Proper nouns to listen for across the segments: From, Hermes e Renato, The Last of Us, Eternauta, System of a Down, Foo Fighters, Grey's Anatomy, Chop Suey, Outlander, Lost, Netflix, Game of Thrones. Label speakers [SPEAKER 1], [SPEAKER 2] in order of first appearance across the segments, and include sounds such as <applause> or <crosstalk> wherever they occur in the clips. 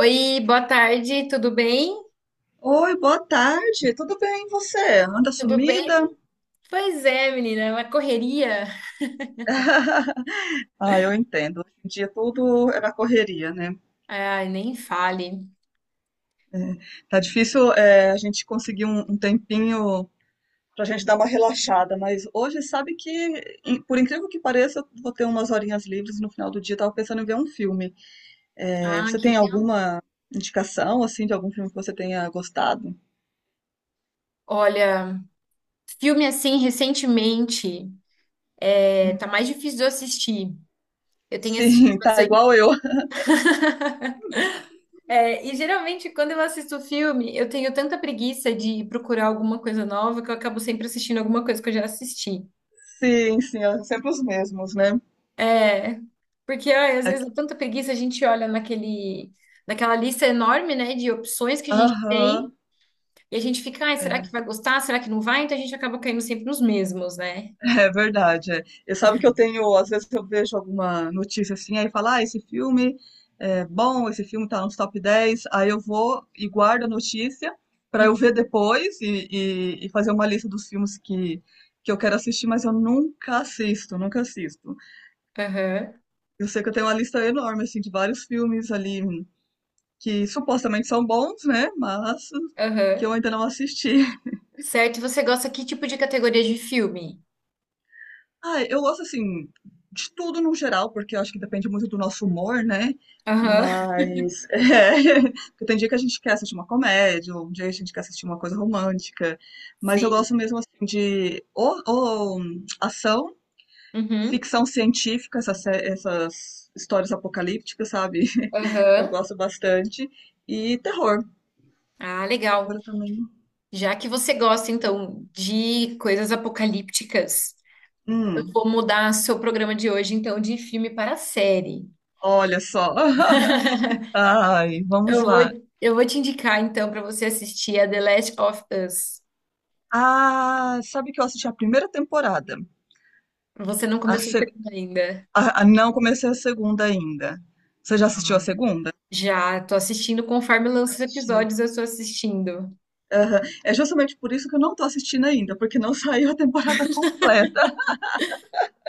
[SPEAKER 1] Oi, boa tarde, tudo bem?
[SPEAKER 2] Oi, boa tarde. Tudo bem, e você? Anda
[SPEAKER 1] Tudo bem?
[SPEAKER 2] sumida?
[SPEAKER 1] Pois é, menina, é uma correria.
[SPEAKER 2] <laughs> Ah, eu entendo. Hoje em dia tudo é na correria, né?
[SPEAKER 1] Ai, nem fale.
[SPEAKER 2] É, tá difícil, é, a gente conseguir um tempinho pra gente dar uma relaxada, mas hoje sabe que, por incrível que pareça, eu vou ter umas horinhas livres no final do dia. Tava pensando em ver um filme. É,
[SPEAKER 1] Ah,
[SPEAKER 2] você
[SPEAKER 1] que
[SPEAKER 2] tem
[SPEAKER 1] legal.
[SPEAKER 2] alguma indicação, assim, de algum filme que você tenha gostado?
[SPEAKER 1] Olha, filme assim, recentemente, tá
[SPEAKER 2] Hum.
[SPEAKER 1] mais difícil de eu assistir. Eu tenho assistido
[SPEAKER 2] Sim, <laughs> tá
[SPEAKER 1] bastante.
[SPEAKER 2] igual eu.
[SPEAKER 1] É, e geralmente, quando eu assisto filme, eu tenho tanta preguiça de procurar alguma coisa nova que eu acabo sempre assistindo alguma coisa que eu já assisti.
[SPEAKER 2] Sim, sim, é sempre os mesmos, né?
[SPEAKER 1] É, porque ai, às
[SPEAKER 2] É-
[SPEAKER 1] vezes,
[SPEAKER 2] que-
[SPEAKER 1] dá tanta preguiça, a gente olha naquela lista enorme, né, de opções que a gente tem.
[SPEAKER 2] Aham.
[SPEAKER 1] E a gente fica, ai, será que
[SPEAKER 2] É.
[SPEAKER 1] vai gostar? Será que não vai? Então a gente acaba caindo sempre nos mesmos, né?
[SPEAKER 2] É verdade, é. E sabe que eu tenho, às vezes eu vejo alguma notícia assim, aí fala, ah, esse filme é bom, esse filme tá nos top 10. Aí eu vou e guardo a notícia pra eu ver
[SPEAKER 1] Uhum.
[SPEAKER 2] depois e fazer uma lista dos filmes que eu quero assistir, mas eu nunca assisto, nunca assisto.
[SPEAKER 1] Aham,
[SPEAKER 2] Eu sei que eu tenho uma lista enorme, assim, de vários filmes ali que supostamente são bons, né, mas
[SPEAKER 1] aham.
[SPEAKER 2] que eu ainda não assisti.
[SPEAKER 1] Certo, e você gosta que tipo de categoria de filme?
[SPEAKER 2] Ah, eu gosto assim de tudo no geral, porque eu acho que depende muito do nosso humor, né?
[SPEAKER 1] Aham,
[SPEAKER 2] Mas <laughs> é, porque tem dia que a gente quer assistir uma comédia, ou um dia a gente quer assistir uma coisa romântica, mas eu
[SPEAKER 1] sim.
[SPEAKER 2] gosto mesmo assim de ação,
[SPEAKER 1] Uhum,
[SPEAKER 2] ficção científica, essas, essas histórias apocalípticas, sabe? <laughs> Eu
[SPEAKER 1] aham.
[SPEAKER 2] gosto bastante. E terror.
[SPEAKER 1] Ah, legal.
[SPEAKER 2] Agora também.
[SPEAKER 1] Já que você gosta, então, de coisas apocalípticas, eu
[SPEAKER 2] Hum,
[SPEAKER 1] vou mudar seu programa de hoje, então, de filme para série.
[SPEAKER 2] olha só.
[SPEAKER 1] <laughs>
[SPEAKER 2] <laughs> Ai, vamos
[SPEAKER 1] Eu vou,
[SPEAKER 2] lá.
[SPEAKER 1] eu vou te indicar, então, para você assistir a The Last of Us.
[SPEAKER 2] Ah, sabe que eu assisti a primeira temporada.
[SPEAKER 1] Você não
[SPEAKER 2] A
[SPEAKER 1] começou a
[SPEAKER 2] se-
[SPEAKER 1] assistir ainda.
[SPEAKER 2] a- Não comecei a segunda ainda. Você já assistiu a segunda?
[SPEAKER 1] Já, tô assistindo conforme lança os
[SPEAKER 2] Assistindo.
[SPEAKER 1] episódios, eu tô assistindo.
[SPEAKER 2] Aham. É justamente por isso que eu não tô assistindo ainda, porque não <laughs> saiu a temporada completa.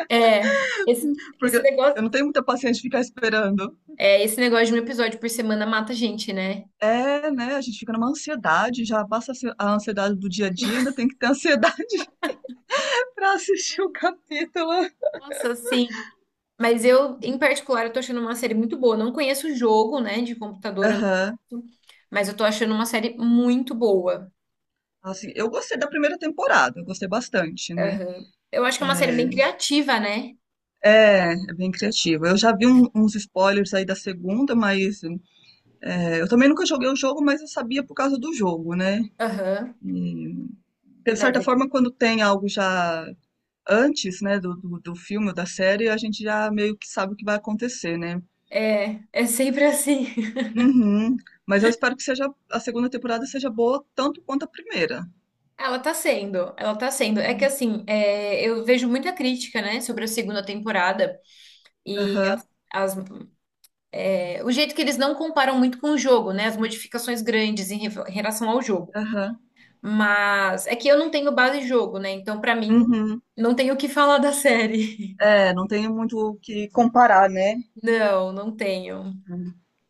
[SPEAKER 1] É, esse,
[SPEAKER 2] Porque
[SPEAKER 1] esse
[SPEAKER 2] eu
[SPEAKER 1] negócio,
[SPEAKER 2] não tenho muita paciência de ficar esperando.
[SPEAKER 1] é, esse negócio de um episódio por semana mata a gente, né?
[SPEAKER 2] É, né? A gente fica numa ansiedade, já passa a ansiedade do dia a dia, ainda tem que ter ansiedade <laughs> pra assistir o capítulo.
[SPEAKER 1] Nossa, sim. Mas eu, em particular, eu tô achando uma série muito boa. Eu não conheço o jogo, né, de computador, eu não-
[SPEAKER 2] Aham.
[SPEAKER 1] mas eu tô achando uma série muito boa.
[SPEAKER 2] Assim, eu gostei da primeira temporada, eu gostei bastante, né?
[SPEAKER 1] Aham. Eu acho que é uma série bem criativa, né?
[SPEAKER 2] É, é bem criativo. Eu já vi um- uns spoilers aí da segunda, mas é, eu também nunca joguei o jogo, mas eu sabia por causa do jogo, né?
[SPEAKER 1] Aham.
[SPEAKER 2] E, de
[SPEAKER 1] Mas
[SPEAKER 2] certa forma, quando tem algo já antes, né, do filme ou da série, a gente já meio que sabe o que vai acontecer, né?
[SPEAKER 1] é, é sempre assim. <laughs>
[SPEAKER 2] Uhum. Mas eu espero que seja a segunda temporada seja boa tanto quanto a primeira.
[SPEAKER 1] Ela tá sendo. É que
[SPEAKER 2] Uhum.
[SPEAKER 1] assim, é, eu vejo muita crítica, né, sobre a segunda temporada. E
[SPEAKER 2] Aham,
[SPEAKER 1] as- as- é, o jeito que eles não comparam muito com o jogo, né? As modificações grandes em relação ao jogo.
[SPEAKER 2] aham.
[SPEAKER 1] Mas é que eu não tenho base de jogo, né? Então, pra mim,
[SPEAKER 2] Uhum.
[SPEAKER 1] não tenho o que falar da série. <laughs>
[SPEAKER 2] É, não tenho muito o que comparar, né?
[SPEAKER 1] Não, não tenho.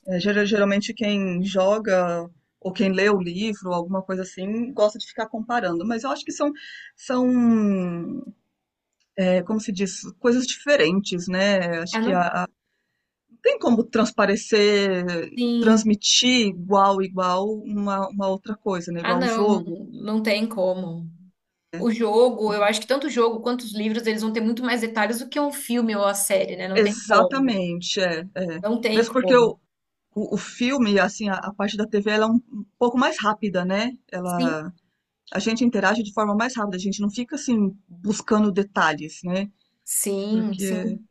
[SPEAKER 2] É, geralmente quem joga ou quem lê o livro, alguma coisa assim, gosta de ficar comparando. Mas eu acho que são, são, é, como se diz, coisas diferentes, né?
[SPEAKER 1] Ah,
[SPEAKER 2] Acho que
[SPEAKER 1] não?
[SPEAKER 2] não tem como transparecer,
[SPEAKER 1] Sim.
[SPEAKER 2] transmitir igual, igual uma outra coisa, né?
[SPEAKER 1] Ah,
[SPEAKER 2] Igual o
[SPEAKER 1] não, não,
[SPEAKER 2] jogo.
[SPEAKER 1] não tem como. O jogo, eu acho que tanto o jogo quanto os livros, eles vão ter muito mais detalhes do que um filme ou a série, né? Não tem como.
[SPEAKER 2] Exatamente, é, é.
[SPEAKER 1] Não tem
[SPEAKER 2] Mesmo porque
[SPEAKER 1] como.
[SPEAKER 2] o filme, assim, a parte da TV, ela é um pouco mais rápida, né?
[SPEAKER 1] Sim,
[SPEAKER 2] Ela a gente interage de forma mais rápida, a gente não fica assim buscando detalhes, né?
[SPEAKER 1] sim,
[SPEAKER 2] Porque,
[SPEAKER 1] sim.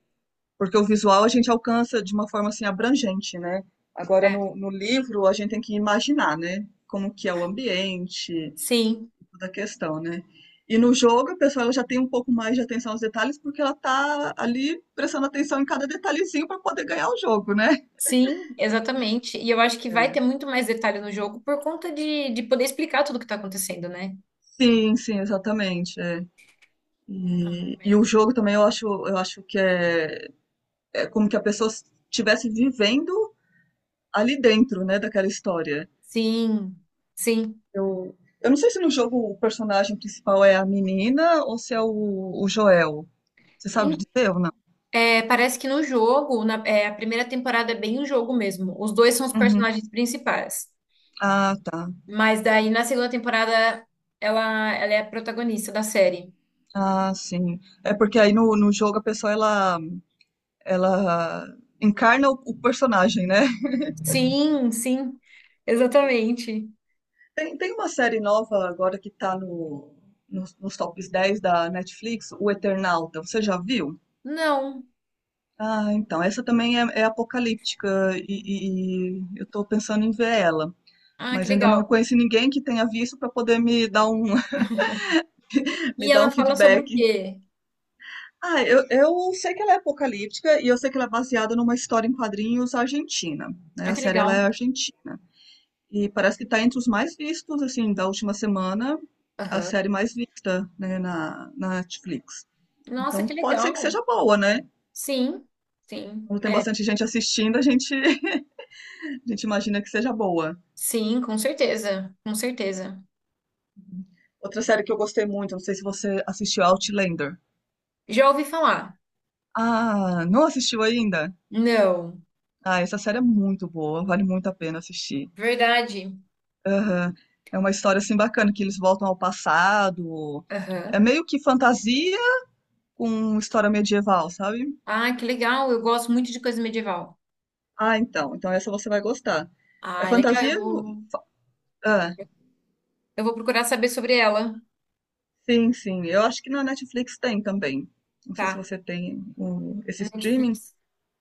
[SPEAKER 2] porque o visual a gente alcança de uma forma assim abrangente, né? Agora
[SPEAKER 1] É,
[SPEAKER 2] no livro a gente tem que imaginar, né? Como que é o ambiente,
[SPEAKER 1] sim.
[SPEAKER 2] toda a questão, né? E no jogo a pessoa ela já tem um pouco mais de atenção aos detalhes porque ela tá ali prestando atenção em cada detalhezinho para poder ganhar o jogo, né?
[SPEAKER 1] Sim, exatamente. E eu acho que vai ter
[SPEAKER 2] É.
[SPEAKER 1] muito mais detalhe no jogo por conta de poder explicar tudo o que tá acontecendo, né?
[SPEAKER 2] Sim, sim, exatamente. É.
[SPEAKER 1] Ah,
[SPEAKER 2] E
[SPEAKER 1] mas...
[SPEAKER 2] o jogo também eu acho que é é como que a pessoa estivesse vivendo ali dentro, né, daquela história.
[SPEAKER 1] Sim, sim.
[SPEAKER 2] Eu, eu não sei se no jogo o personagem principal é a menina ou se é o Joel. Você sabe
[SPEAKER 1] Em-
[SPEAKER 2] dizer ou não?
[SPEAKER 1] é, parece que no jogo, é, a primeira temporada é bem o jogo mesmo. Os dois são os
[SPEAKER 2] Uhum.
[SPEAKER 1] personagens principais.
[SPEAKER 2] Ah, tá.
[SPEAKER 1] Mas daí na segunda temporada ela é a protagonista da série.
[SPEAKER 2] Ah, sim. É porque aí no jogo a pessoa ela, ela encarna o personagem, né? <laughs>
[SPEAKER 1] Sim, sim, exatamente.
[SPEAKER 2] Tem, tem uma série nova agora que tá no, nos, nos tops 10 da Netflix, O Eternauta. Você já viu?
[SPEAKER 1] Não.
[SPEAKER 2] Ah, então, essa também é, é apocalíptica e, e eu tô pensando em ver ela.
[SPEAKER 1] Ah, que
[SPEAKER 2] Mas ainda não
[SPEAKER 1] legal.
[SPEAKER 2] conheci ninguém que tenha visto para poder me dar um, <laughs> me
[SPEAKER 1] E
[SPEAKER 2] dar
[SPEAKER 1] ela
[SPEAKER 2] um
[SPEAKER 1] fala sobre
[SPEAKER 2] feedback.
[SPEAKER 1] o quê?
[SPEAKER 2] Ah, eu sei que ela é apocalíptica e eu sei que ela é baseada numa história em quadrinhos argentina, né?
[SPEAKER 1] Ah,
[SPEAKER 2] A
[SPEAKER 1] que
[SPEAKER 2] série ela é
[SPEAKER 1] legal.
[SPEAKER 2] argentina. E parece que está entre os mais vistos, assim, da última semana, a
[SPEAKER 1] Aham.
[SPEAKER 2] série mais vista, né, na Netflix.
[SPEAKER 1] Nossa,
[SPEAKER 2] Então
[SPEAKER 1] que
[SPEAKER 2] pode ser que seja
[SPEAKER 1] legal.
[SPEAKER 2] boa, né?
[SPEAKER 1] Sim, sim,
[SPEAKER 2] Como tem
[SPEAKER 1] é.
[SPEAKER 2] bastante gente assistindo, a gente, <laughs> a gente imagina que seja boa.
[SPEAKER 1] Sim, com certeza, com certeza.
[SPEAKER 2] Outra série que eu gostei muito, não sei se você assistiu Outlander.
[SPEAKER 1] Já ouvi falar?
[SPEAKER 2] Ah, não assistiu ainda?
[SPEAKER 1] Não.
[SPEAKER 2] Ah, essa série é muito boa, vale muito a pena assistir.
[SPEAKER 1] Verdade.
[SPEAKER 2] Aham. É uma história assim bacana, que eles voltam ao passado. É
[SPEAKER 1] Aham.
[SPEAKER 2] meio que fantasia com história medieval, sabe?
[SPEAKER 1] Ah, que legal. Eu gosto muito de coisa medieval.
[SPEAKER 2] Ah, então. Então essa você vai gostar. É
[SPEAKER 1] Ah, legal.
[SPEAKER 2] fantasia? Ah,
[SPEAKER 1] Eu vou procurar saber sobre ela,
[SPEAKER 2] sim, sim. Eu acho que na Netflix tem também. Não sei se
[SPEAKER 1] tá?
[SPEAKER 2] você tem o- esse streaming,
[SPEAKER 1] Netflix.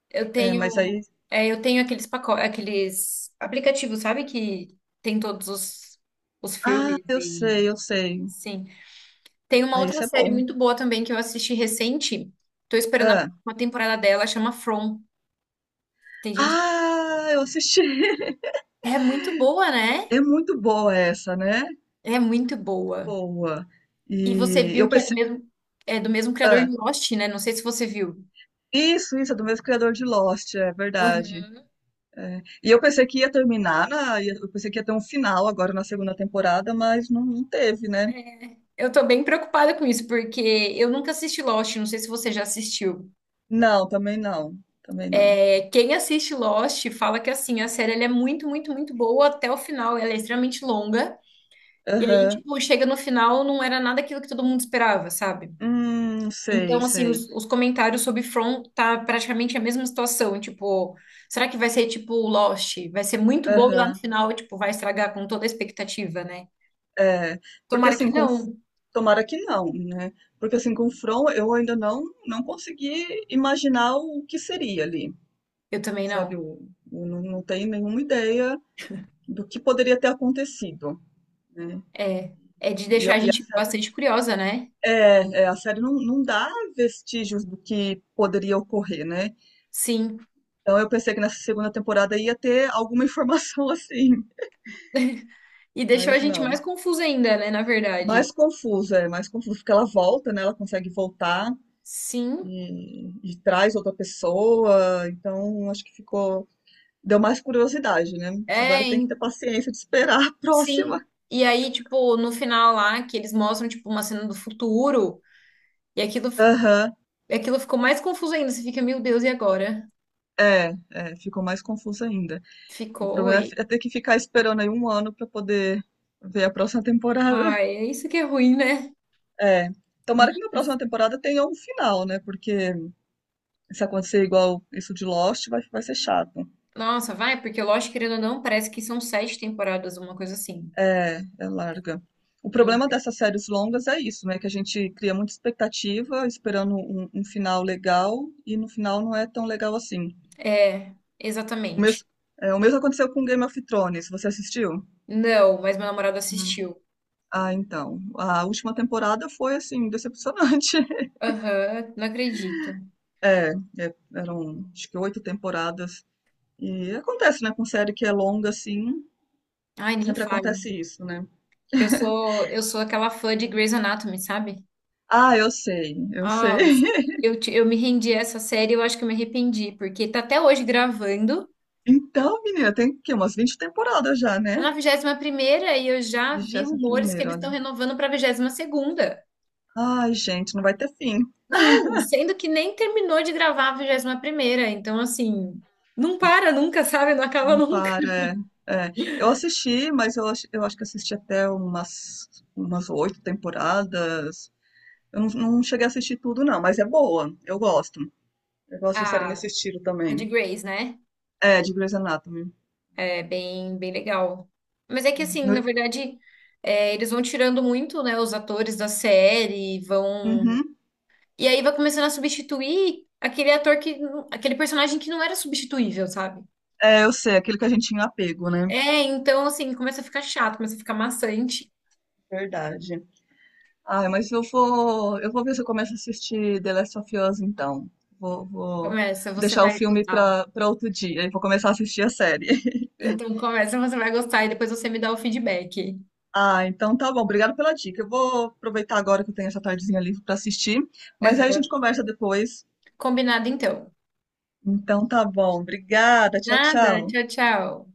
[SPEAKER 1] Eu
[SPEAKER 2] é, mas
[SPEAKER 1] tenho,
[SPEAKER 2] aí.
[SPEAKER 1] é, eu tenho aqueles pacotes, aqueles aplicativos, sabe? Que tem os
[SPEAKER 2] Ah,
[SPEAKER 1] filmes
[SPEAKER 2] eu
[SPEAKER 1] e
[SPEAKER 2] sei, eu sei.
[SPEAKER 1] sim. Tem uma
[SPEAKER 2] Ah,
[SPEAKER 1] outra
[SPEAKER 2] esse é
[SPEAKER 1] série
[SPEAKER 2] bom.
[SPEAKER 1] muito boa também que eu assisti recente. Tô esperando a
[SPEAKER 2] Ah,
[SPEAKER 1] próxima temporada dela, chama From. Tem gente que
[SPEAKER 2] ah, eu assisti. <laughs>
[SPEAKER 1] é muito boa, né?
[SPEAKER 2] É muito boa essa, né? Muito
[SPEAKER 1] É muito boa.
[SPEAKER 2] boa.
[SPEAKER 1] E você
[SPEAKER 2] E
[SPEAKER 1] viu
[SPEAKER 2] eu
[SPEAKER 1] que
[SPEAKER 2] pensei.
[SPEAKER 1] é do mesmo criador
[SPEAKER 2] Ah,
[SPEAKER 1] de Lost, né? Não sei se você viu.
[SPEAKER 2] isso, é do mesmo criador de Lost, é verdade.
[SPEAKER 1] Uhum.
[SPEAKER 2] É. E eu pensei que ia terminar, eu pensei que ia ter um final agora na segunda temporada, mas não, não teve, né?
[SPEAKER 1] Eu tô bem preocupada com isso, porque eu nunca assisti Lost, não sei se você já assistiu.
[SPEAKER 2] Não, também não. Também não.
[SPEAKER 1] É, quem assiste Lost fala que assim, a série ela é muito, muito, muito boa até o final, ela é extremamente longa. E aí,
[SPEAKER 2] Aham.
[SPEAKER 1] tipo, chega no final, não era nada aquilo que todo mundo esperava, sabe?
[SPEAKER 2] Sei,
[SPEAKER 1] Então, assim,
[SPEAKER 2] sei.
[SPEAKER 1] os comentários sobre From tá praticamente a mesma situação. Tipo, será que vai ser tipo Lost? Vai ser muito bobo lá no
[SPEAKER 2] Aham.
[SPEAKER 1] final, tipo, vai estragar com toda a expectativa, né?
[SPEAKER 2] É. Porque
[SPEAKER 1] Tomara que
[SPEAKER 2] assim, com.
[SPEAKER 1] não.
[SPEAKER 2] Tomara que não, né? Porque assim, com o From eu ainda não, não consegui imaginar o que seria ali.
[SPEAKER 1] Eu também
[SPEAKER 2] Sabe?
[SPEAKER 1] não.
[SPEAKER 2] Eu não, não tenho nenhuma ideia do que poderia ter acontecido, né?
[SPEAKER 1] É, é de
[SPEAKER 2] E,
[SPEAKER 1] deixar a
[SPEAKER 2] e a
[SPEAKER 1] gente
[SPEAKER 2] série,
[SPEAKER 1] bastante curiosa, né?
[SPEAKER 2] é, é, a série não, não dá vestígios do que poderia ocorrer, né?
[SPEAKER 1] Sim.
[SPEAKER 2] Então eu pensei que nessa segunda temporada ia ter alguma informação <laughs> assim,
[SPEAKER 1] <laughs> E deixou a
[SPEAKER 2] mas
[SPEAKER 1] gente mais
[SPEAKER 2] não.
[SPEAKER 1] confusa ainda, né? Na verdade.
[SPEAKER 2] Mais confuso, é, mais confuso, porque ela volta, né? Ela consegue voltar
[SPEAKER 1] Sim.
[SPEAKER 2] e traz outra pessoa, então acho que ficou. Deu mais curiosidade, né?
[SPEAKER 1] É,
[SPEAKER 2] Agora tem que ter
[SPEAKER 1] em-
[SPEAKER 2] paciência de esperar a próxima.
[SPEAKER 1] sim. E aí, tipo, no final lá, que eles mostram, tipo, uma cena do futuro, e aquilo, fi-
[SPEAKER 2] Aham.
[SPEAKER 1] aquilo ficou mais confuso ainda. Você fica, meu Deus, e agora?
[SPEAKER 2] É, é, ficou mais confuso ainda. O
[SPEAKER 1] Ficou
[SPEAKER 2] problema é
[SPEAKER 1] e.
[SPEAKER 2] é ter que ficar esperando aí um ano pra poder ver a próxima temporada. <laughs>
[SPEAKER 1] Ai, é isso que é ruim, né?
[SPEAKER 2] É. Tomara que na próxima temporada tenha um final, né? Porque se acontecer igual isso de Lost, vai, vai ser chato.
[SPEAKER 1] Nossa, vai, porque lógico, querendo ou não, parece que são sete temporadas, uma coisa assim.
[SPEAKER 2] É, é larga. O problema
[SPEAKER 1] Ent-
[SPEAKER 2] dessas séries longas é isso, né? Que a gente cria muita expectativa, esperando um final legal, e no final não é tão legal assim.
[SPEAKER 1] É,
[SPEAKER 2] O
[SPEAKER 1] exatamente.
[SPEAKER 2] mes- É, o mesmo aconteceu com Game of Thrones, você assistiu?
[SPEAKER 1] Não, mas meu namorado assistiu.
[SPEAKER 2] Ah, então, a última temporada foi, assim, decepcionante. <laughs>
[SPEAKER 1] Aham, não acredito.
[SPEAKER 2] É, é, eram acho que 8 temporadas. E acontece, né, com série que é longa, assim,
[SPEAKER 1] Ai, nem
[SPEAKER 2] sempre
[SPEAKER 1] fale.
[SPEAKER 2] acontece isso, né?
[SPEAKER 1] Que eu sou aquela fã de Grey's Anatomy, sabe?
[SPEAKER 2] Ah, eu sei, eu sei.
[SPEAKER 1] Ah,
[SPEAKER 2] <laughs>
[SPEAKER 1] eu me rendi a essa série, eu acho que eu me arrependi, porque tá até hoje gravando.
[SPEAKER 2] Então, menina, tem que umas 20 temporadas já,
[SPEAKER 1] É
[SPEAKER 2] né?
[SPEAKER 1] na 21ª primeira e eu já vi rumores que
[SPEAKER 2] 21ª,
[SPEAKER 1] eles estão
[SPEAKER 2] olha.
[SPEAKER 1] renovando pra 22ª segunda.
[SPEAKER 2] Ai, gente, não vai ter fim.
[SPEAKER 1] Não, sendo que nem terminou de gravar a 21ª primeira, então assim, não para nunca, sabe? Não acaba
[SPEAKER 2] Não
[SPEAKER 1] nunca.
[SPEAKER 2] para. É. É, eu assisti, mas eu acho que assisti até umas umas 8 temporadas. Eu não, não cheguei a assistir tudo, não, mas é boa. Eu gosto. Eu gosto de série
[SPEAKER 1] A,
[SPEAKER 2] nesse estilo
[SPEAKER 1] a de
[SPEAKER 2] também.
[SPEAKER 1] Grace, né?
[SPEAKER 2] É, de Grey's Anatomy.
[SPEAKER 1] É bem, bem legal. Mas é que assim, na
[SPEAKER 2] No-
[SPEAKER 1] verdade, é, eles vão tirando muito, né, os atores da série, vão...
[SPEAKER 2] Uhum.
[SPEAKER 1] E aí vai começando a substituir aquele ator que... aquele personagem que não era substituível, sabe?
[SPEAKER 2] É, eu sei, aquele que a gente tinha um apego, né?
[SPEAKER 1] É, então assim, começa a ficar chato, começa a ficar maçante.
[SPEAKER 2] Verdade. Ah, mas eu vou ver se eu começo a assistir The Last of Us, então. Vou, vou
[SPEAKER 1] Começa, você
[SPEAKER 2] deixar o
[SPEAKER 1] vai
[SPEAKER 2] filme
[SPEAKER 1] gostar.
[SPEAKER 2] pra, pra outro dia e vou começar a assistir a série. <laughs>
[SPEAKER 1] Então começa, você vai gostar e depois você me dá o feedback.
[SPEAKER 2] Ah, então tá bom. Obrigado pela dica. Eu vou aproveitar agora que eu tenho essa tardezinha livre pra assistir, mas aí a gente
[SPEAKER 1] Aham.
[SPEAKER 2] conversa depois.
[SPEAKER 1] Combinado então.
[SPEAKER 2] Então tá bom. Obrigada. Tchau,
[SPEAKER 1] Nada,
[SPEAKER 2] tchau.
[SPEAKER 1] tchau, tchau.